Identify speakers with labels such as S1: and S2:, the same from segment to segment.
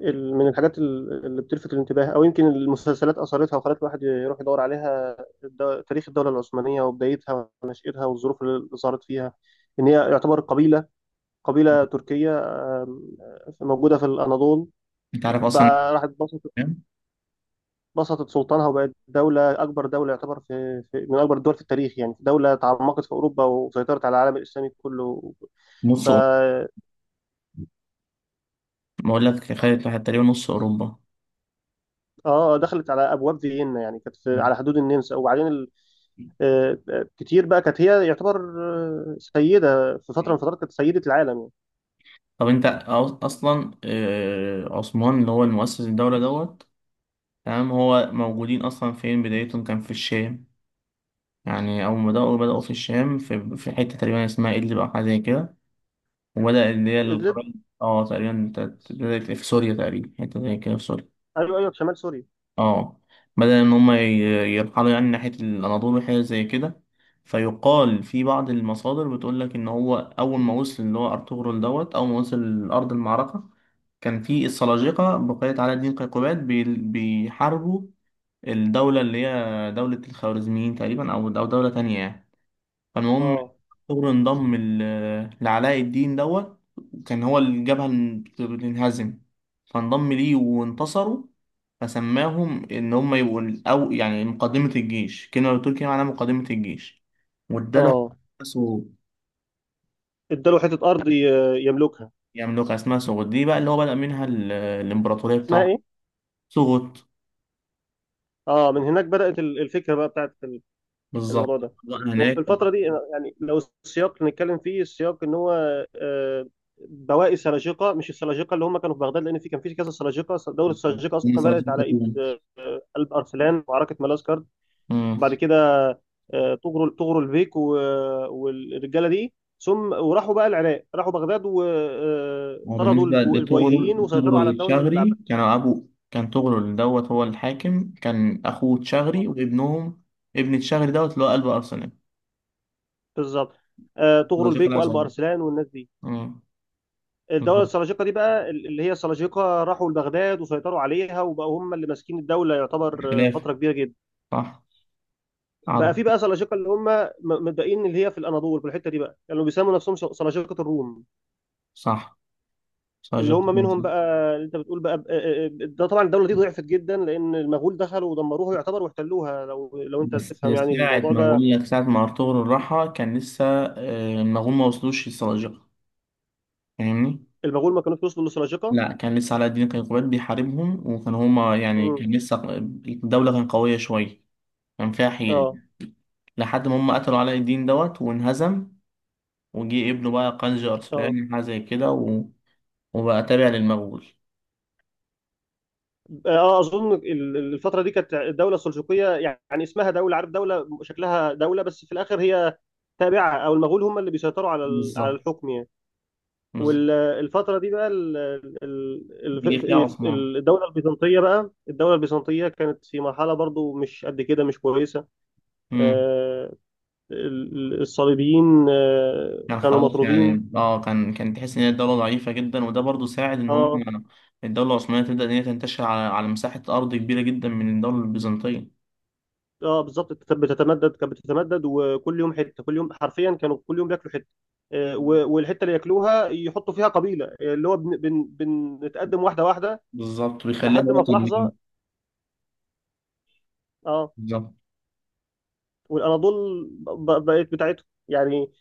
S1: من الحاجات اللي بتلفت الانتباه او يمكن المسلسلات اثرتها وخلت الواحد يروح يدور عليها. تاريخ الدوله العثمانيه وبدايتها ونشاتها والظروف اللي ظهرت فيها، ان هي يعتبر قبيله، قبيله تركيه، آم، موجوده في الاناضول.
S2: انت عارف اصلا
S1: بقى راحت بسطت سلطانها وبقت دوله، اكبر دوله يعتبر في، من اكبر الدول في التاريخ يعني. دوله تعمقت في اوروبا وسيطرت على العالم الاسلامي كله. ف
S2: نص أوروبا.
S1: اه
S2: بقول لك خدت واحد تقريبا نص اوروبا.
S1: آه، دخلت على ابواب فيينا، يعني كانت في
S2: مم.
S1: على حدود النمسا وبعدين كتير. بقى كانت هي يعتبر سيدة، في فترة من الفترات كانت سيدة العالم يعني.
S2: طب انت اصلا عثمان اللي هو المؤسس الدولة دوت. تمام، هو موجودين اصلا فين؟ بدايتهم كان في الشام. يعني اول ما بدأوا في الشام في, في حتة تقريبا اسمها إدلب او حاجة زي كده. وبدأ اللي هي
S1: إدلب.
S2: القبائل. اه تقريبا بدأت في سوريا، تقريبا حتة زي كده في سوريا.
S1: أيوه أيوه، في شمال سوريا.
S2: اه بدل ان هم يرحلوا يعني ناحية الاناضول وحاجة زي كده. فيقال في بعض المصادر بتقول لك ان هو اول ما وصل اللي هو ارطغرل دوت، اول ما وصل لارض المعركة كان في السلاجقة بقيت علاء الدين قيقباد بيحاربوا الدولة اللي هي دولة الخوارزميين تقريبا او دولة تانية يعني. فالمهم،
S1: اه.
S2: ثور انضم لعلاء الدين دوت. كان هو الجبهة اللي بتنهزم، فانضم ليه وانتصروا. فسماهم إن هم يبقوا الأو، يعني مقدمة الجيش، كلمة بالتركي معناها مقدمة الجيش. واداله
S1: اه.
S2: سو-
S1: اداله حتة أرض يملكها.
S2: يملكها، اسمها سوغوت. دي بقى اللي هو بدأ منها الإمبراطورية
S1: اسمها
S2: بتاعته.
S1: إيه؟
S2: سوغوت.
S1: اه، من هناك بدأت الفكرة بقى بتاعت
S2: بالظبط.
S1: الموضوع ده.
S2: بقى
S1: وفي
S2: هناك طبعاً.
S1: الفترة دي يعني لو، السياق اللي نتكلم فيه، السياق إن هو آه، بواقي السلاجقة، مش السلاجقة اللي هم كانوا في بغداد، لأن في كان في كذا سلاجقة. دولة السلاجقة
S2: هم
S1: أصلا بدأت
S2: سبعين
S1: على إيد
S2: قرون.
S1: قلب أرسلان وعركة ملازكر، وبعد كده طغروا البيك والرجاله دي. ثم وراحوا بقى العراق، راحوا بغداد
S2: هو
S1: وطردوا
S2: بالنسبة
S1: البويهيين
S2: لتغرل،
S1: وسيطروا
S2: تغرل
S1: على الدوله
S2: الشغري
S1: العباسيه.
S2: كانوا أبو، كان تغرل دوت هو الحاكم، كان أخوه تشغري وابنهم ابن تشغري دوت اللي هو قلب أرسنال.
S1: بالظبط. طغروا
S2: سلاجقة
S1: البيك وقلب
S2: العظام.
S1: ارسلان والناس دي.
S2: آه،
S1: الدوله
S2: بالظبط.
S1: السلاجقه دي بقى، اللي هي السلاجقه راحوا لبغداد وسيطروا عليها، وبقوا هم اللي ماسكين الدوله يعتبر
S2: خلاف.
S1: فتره كبيره جدا.
S2: صح.
S1: بقى
S2: عظم.
S1: في بقى سلاجقه اللي هم متبقيين، اللي هي في الاناضول في الحته دي، بقى كانوا يعني بيسموا نفسهم سلاجقه الروم.
S2: صح،
S1: اللي
S2: سلاجقة
S1: هم
S2: العظام،
S1: منهم بقى،
S2: صح.
S1: اللي انت بتقول بقى ده، طبعا الدوله دي ضعفت جدا لان المغول دخلوا ودمروها يعتبر واحتلوها، لو انت
S2: بس
S1: تفهم يعني الموضوع ده.
S2: ساعة ما أرطغرل راحها كان لسه المغول ما وصلوش للسلاجقة. فاهمني؟
S1: المغول ما كانوش وصلوا لسلاجقه.
S2: لا، كان لسه علاء الدين كيقوباد بيحاربهم، وكان هما يعني
S1: امم.
S2: كان لسه الدولة كانت قوية شوية. كان فيها حيل.
S1: اه.
S2: لحد ما هم قتلوا علاء الدين دوت وانهزم، وجي ابنه بقى قنج
S1: اه.
S2: أرسلان حاجة زي كده، و... وبقى تابع للمغول.
S1: اه. اظن الفتره دي كانت الدوله السلجوقيه يعني اسمها دوله، عارف، دوله شكلها دوله بس في الاخر هي تابعه، او المغول هم اللي بيسيطروا على على
S2: بالظبط
S1: الحكم يعني.
S2: بالظبط
S1: والفتره دي بقى ال-
S2: جه فيها عثمان.
S1: الدوله البيزنطيه بقى، الدوله البيزنطيه كانت في مرحله برضو مش قد كده، مش كويسه.
S2: امم
S1: آه، الصليبيين
S2: كان
S1: كانوا
S2: خلاص
S1: مطرودين.
S2: يعني، كان تحس ان هي الدولة ضعيفة جدا، وده برضو ساعد ان هم
S1: اه.
S2: الدولة العثمانية تبدأ ان هي تنتشر على مساحة أرض كبيرة جدا من الدولة البيزنطية.
S1: اه. بالظبط بتتمدد، كانت بتتمدد، وكل يوم حته، كل يوم حرفيا كانوا كل يوم بياكلوا حته والحته اللي ياكلوها يحطوا فيها قبيله اللي هو بن بن بنتقدم واحده واحده
S2: بالظبط، بيخليها
S1: لحد ما في
S2: وطن ليه.
S1: لحظه. اه.
S2: بالظبط.
S1: والاناضول بقت بتاعتهم يعني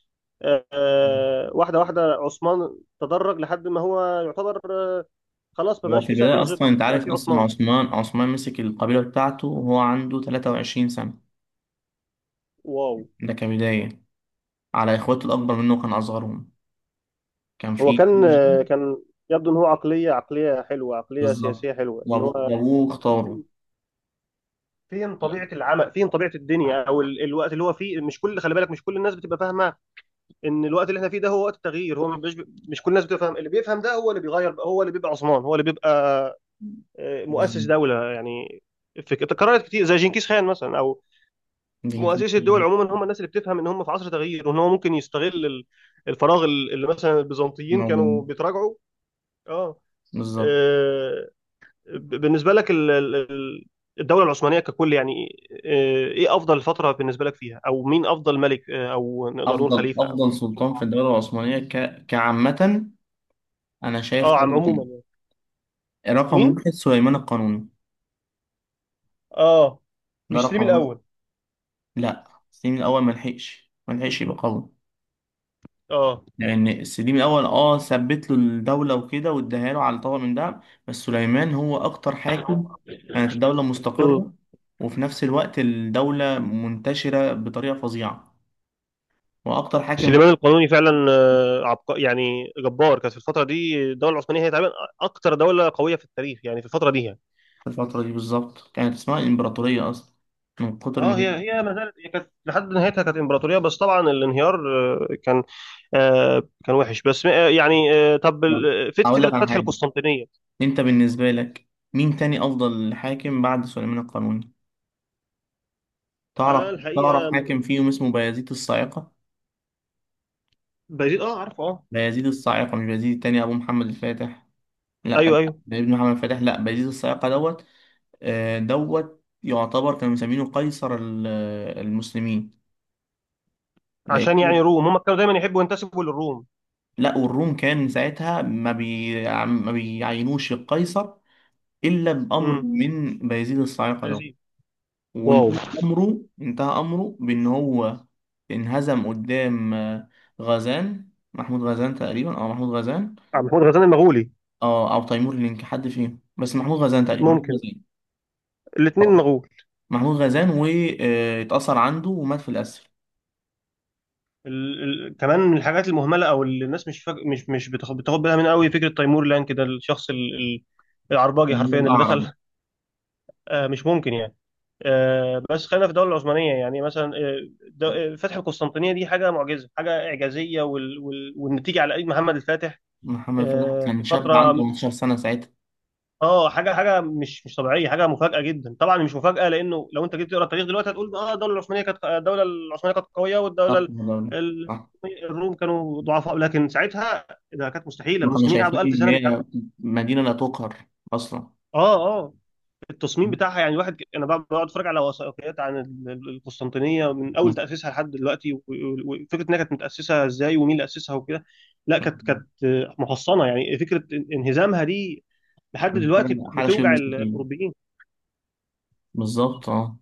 S1: واحده واحده، عثمان تدرج لحد ما هو يعتبر خلاص ما
S2: هو
S1: بقاش
S2: في
S1: فيه
S2: البداية أصلا،
S1: سلاجقه،
S2: أنت
S1: بقى
S2: عارف
S1: فيه
S2: أصلا،
S1: عثمان.
S2: عثمان مسك القبيلة بتاعته وهو عنده 23 سنة.
S1: واو.
S2: ده كبداية، على إخواته الأكبر منه، وكان أصغرهم. كان
S1: هو
S2: في
S1: كان
S2: جي
S1: كان يبدو ان هو عقليه، عقليه حلوه، عقليه
S2: بالظبط.
S1: سياسيه حلوه، ان
S2: وأبوه
S1: هو
S2: وأبوه اختاره.
S1: فين فين طبيعه العمل، فين طبيعه الدنيا، او الوقت اللي هو فيه. مش كل، خلي بالك، مش كل الناس بتبقى فاهمه ان الوقت اللي احنا فيه ده هو وقت التغيير. هو مش كل الناس بتبقى فاهم. اللي بيفهم ده هو اللي بيغير بقى، هو اللي بيبقى عثمان، هو اللي بيبقى مؤسس
S2: بالظبط.
S1: دوله يعني. في تكررت كتير، زي جنكيز خان مثلا، او
S2: دينكير.
S1: مؤسسي الدول عموما هم الناس اللي بتفهم ان هم في عصر تغيير، وان هو ممكن يستغل الفراغ، اللي مثلا
S2: من
S1: البيزنطيين
S2: أبوه.
S1: كانوا بيتراجعوا. اه.
S2: بالظبط.
S1: آه، بالنسبه لك الدوله العثمانيه ككل يعني، ايه افضل فتره بالنسبه لك فيها، او مين افضل ملك او نقدر نقول
S2: أفضل
S1: خليفه او
S2: أفضل سلطان في
S1: سلطان.
S2: الدولة العثمانية كعامة، أنا شايف
S1: اه، عم عموما
S2: طبعا
S1: يعني.
S2: رقم
S1: مين؟
S2: واحد سليمان القانوني.
S1: اه.
S2: ده
S1: مش سليم
S2: رقم واحد.
S1: الاول؟
S2: لا، سليم الأول ملحقش يبقى قوي،
S1: اه.
S2: لان السليم الاول ثبت له الدوله وكده، واداها له على طبق من دهب. بس سليمان هو اكتر حاكم كانت الدوله
S1: مم.
S2: مستقره، وفي نفس الوقت الدوله منتشره بطريقه فظيعه. واكتر حاكم
S1: سليمان القانوني فعلا يعني جبار، كانت في الفتره دي الدوله العثمانيه هي تقريبا اكتر دوله قويه في التاريخ يعني، في الفتره دي يعني.
S2: في الفتره دي بالظبط كانت اسمها الامبراطوريه اصلا من كتر ما
S1: اه،
S2: هي.
S1: هي ما زالت، هي كانت لحد نهايتها كانت امبراطوريه، بس طبعا الانهيار كان كان وحش، بس يعني طب
S2: هقول لك
S1: فكره
S2: على
S1: فتح
S2: حاجه.
S1: القسطنطينيه.
S2: انت بالنسبه لك، مين تاني افضل حاكم بعد سليمان القانوني؟
S1: آه
S2: تعرف
S1: الحقيقه.
S2: حاكم فيهم اسمه بايزيد الصاعقه؟
S1: بايزيد، اه، عارفه، اه.
S2: بايزيد الصاعقه، مش بايزيد التاني ابو محمد الفاتح. لا،
S1: ايوه ايوه.
S2: ابن محمد فتح، لا، بيزيد الصياقة دوت. دوت يعتبر كانوا مسمينه قيصر المسلمين.
S1: عشان يعني
S2: لأن
S1: روم، هم كانوا دايما يحبوا ينتسبوا للروم.
S2: لا، والروم كان ساعتها ما بيعينوش القيصر إلا بأمر
S1: امم.
S2: من بيزيد الصياقة دوت.
S1: بايزيد. واو.
S2: وانتهى أمره بإن هو انهزم قدام آه، غزان محمود غزان تقريبا، أو محمود غزان،
S1: عبد محمود غزنان المغولي.
S2: أو تيمور لينك، حد فيهم، بس محمود غزان تقريبا، محمود
S1: ممكن. الاثنين
S2: غزان
S1: مغول.
S2: محمود غزان واتأثر عنده ومات في الأسر.
S1: كمان من الحاجات المهمله او اللي الناس مش فاك... مش مش بتاخد بالها من قوي، فكره تيمور لانك، ده الشخص العرباجي
S2: كان هو
S1: حرفيا اللي
S2: الأعرج.
S1: دخل. آه مش ممكن يعني. بس خلينا في الدوله العثمانيه يعني، مثلا فتح القسطنطينيه دي حاجه معجزه، حاجه اعجازيه، والنتيجه على ايد محمد الفاتح.
S2: محمد فتح كان
S1: في
S2: شاب عنده
S1: فتره.
S2: 18 سنة ساعتها.
S1: اه، حاجه مش طبيعيه، حاجه مفاجاه جدا، طبعا مش مفاجاه لانه لو انت جيت تقرا التاريخ دلوقتي هتقول اه، الدوله العثمانيه كانت قويه
S2: آه، والله.
S1: ال-
S2: آه.
S1: الروم كانوا ضعفاء، لكن ساعتها ده كانت مستحيله.
S2: ما كانوا
S1: المسلمين
S2: شايفين
S1: قعدوا 1000
S2: إن
S1: سنه بيحاولوا.
S2: هي مدينة لا تقهر أصلا.
S1: اه. اه. التصميم
S2: م-
S1: بتاعها يعني، الواحد انا بقعد، بقعد اتفرج على وثائقيات عن القسطنطينيه، من اول
S2: م-
S1: تاسيسها لحد دلوقتي، وفكره انها كانت متاسسه ازاي، ومين اللي اسسها وكده. لا، كانت محصنه، يعني فكره انهزامها دي لحد
S2: حاجة
S1: دلوقتي
S2: حاجة شبه
S1: بتوجع
S2: مستحيل.
S1: الاوروبيين.
S2: بالظبط، اه.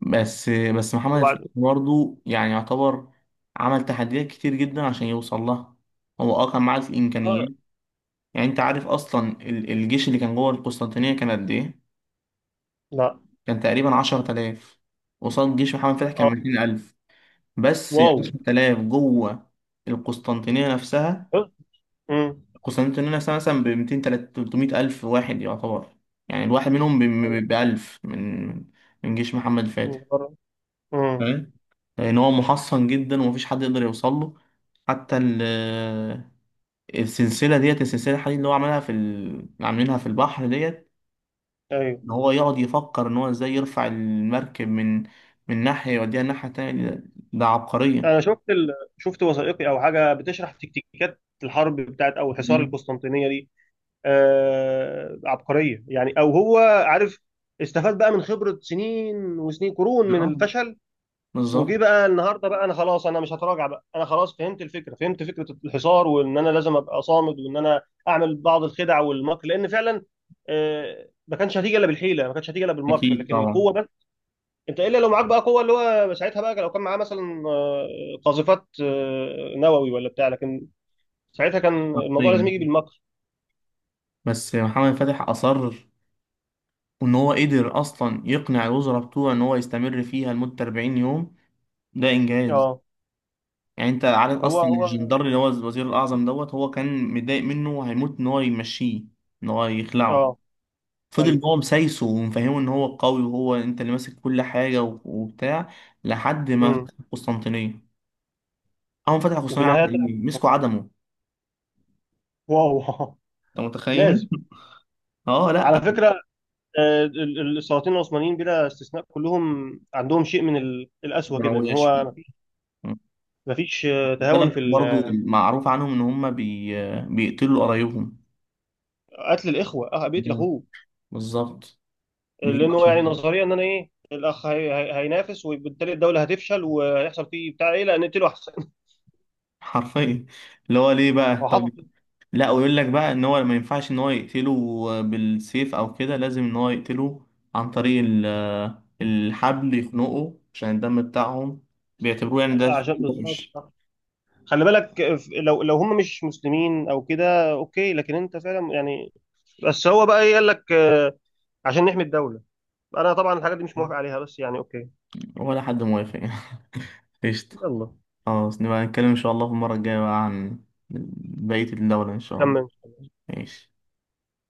S2: بس محمد فتح
S1: وبعد،
S2: برضه يعني يعتبر عمل تحديات كتير جدا عشان يوصل لها. هو اه كان معاه
S1: اه،
S2: الإمكانيات. يعني أنت عارف أصلا الجيش اللي كان جوه القسطنطينية كان قد إيه؟
S1: لا،
S2: كان تقريبا 10000 قصاد جيش محمد فتح، كان
S1: اه،
S2: 200000، بس
S1: واو،
S2: 10000 جوه القسطنطينية نفسها.
S1: امم،
S2: القسطنطينية نفسها مثلا ب 200 300000 واحد يعتبر. يعني الواحد منهم
S1: ايوه،
S2: ب 1000 من جيش محمد
S1: من
S2: فتح.
S1: بره. امم.
S2: فاهم؟ لأن هو محصن جدا ومفيش حد يقدر يوصل له. حتى السلسلة ديت، السلسلة الحديد اللي هو عملها في عاملينها في البحر ديت،
S1: ايوه.
S2: ان هو يقعد يفكر ان هو ازاي يرفع المركب من ناحية يوديها الناحية التانية، ده عبقرية.
S1: انا شفت شفت وثائقي او حاجه بتشرح تكتيكات الحرب بتاعت او حصار
S2: مم.
S1: القسطنطينيه دي. عبقريه يعني، او هو، عارف، استفاد بقى من خبره سنين وسنين، قرون من
S2: اه،
S1: الفشل.
S2: بالظبط.
S1: وجي بقى النهارده بقى، انا خلاص، انا مش هتراجع بقى. انا خلاص فهمت الفكره، فهمت فكره الحصار، وان انا لازم ابقى صامد، وان انا اعمل بعض الخدع والمكر، لان فعلا ما كانش هتيجي الا بالحيله، ما كانش هتيجي الا بالمكر،
S2: اكيد
S1: لكن
S2: طبعا.
S1: القوه بس، انت الا لو معاك بقى قوه، اللي هو ساعتها بقى لو كان معاه مثلا قاذفات نووي ولا بتاع، لكن ساعتها كان الموضوع لازم
S2: عبقرية.
S1: يجي بالمكر.
S2: بس محمد فتح اصر، وان هو قدر اصلا يقنع الوزراء بتوعه ان هو يستمر فيها لمدة 40 يوم. ده انجاز.
S1: اه.
S2: يعني انت عارف
S1: هو
S2: اصلا
S1: هو
S2: الجندر اللي هو الوزير الاعظم دوت، هو كان متضايق منه وهيموت ان هو يمشيه، ان هو يخلعه.
S1: اه.
S2: فضل
S1: ايوه.
S2: هو مسايسه ومفهمه ان هو القوي وهو انت اللي ماسك كل حاجه و- وبتاع، لحد ما
S1: امم.
S2: فتح القسطنطينيه. اول ما فتح
S1: وفي
S2: القسطنطينيه
S1: النهايه
S2: عمل
S1: طلعت
S2: ايه؟ مسكوا
S1: الاسماعيليه.
S2: عدمه.
S1: واو.
S2: انت متخيل؟
S1: لازم.
S2: اه،
S1: على
S2: لا،
S1: فكره السلاطين العثمانيين بلا استثناء كلهم عندهم شيء من القسوه كده، ان
S2: دمويه
S1: هو
S2: شويه.
S1: مفيش،
S2: خد
S1: مفيش تهاون في
S2: بالك برضه معروف عنهم ان هم بيقتلوا قرايبهم.
S1: قتل الاخوه. اه، بيقتل
S2: مم.
S1: اخوه.
S2: بالظبط. دي
S1: لان هو
S2: أشهر.
S1: يعني نظريا ان انا، ايه، الاخ هينافس وبالتالي الدوله هتفشل وهيحصل فيه بتاع، ايه، لا نقتله احسن.
S2: حرفيا. اللي هو ليه بقى،
S1: هو
S2: طب؟
S1: حصل كده.
S2: لا، ويقول لك بقى ان هو ما ينفعش ان هو يقتله بالسيف او كده، لازم ان هو يقتله عن طريق الحبل، يخنقه عشان الدم بتاعهم بيعتبروه، يعني ده
S1: عشان،
S2: شيء
S1: بالظبط،
S2: وحش.
S1: صح. خلي بالك لو هم مش مسلمين او كده اوكي، لكن انت فعلا يعني. بس هو بقى، ايه قال لك، عشان نحمي الدوله. انا طبعا الحاجات دي مش موافق عليها، بس يعني اوكي.
S2: ولا حد موافق يعني. قشطة.
S1: يلا
S2: خلاص، نبقى نتكلم ان شاء الله في المرة الجاية بقى عن بقية الدولة ان شاء الله.
S1: نكمل.
S2: ماشي.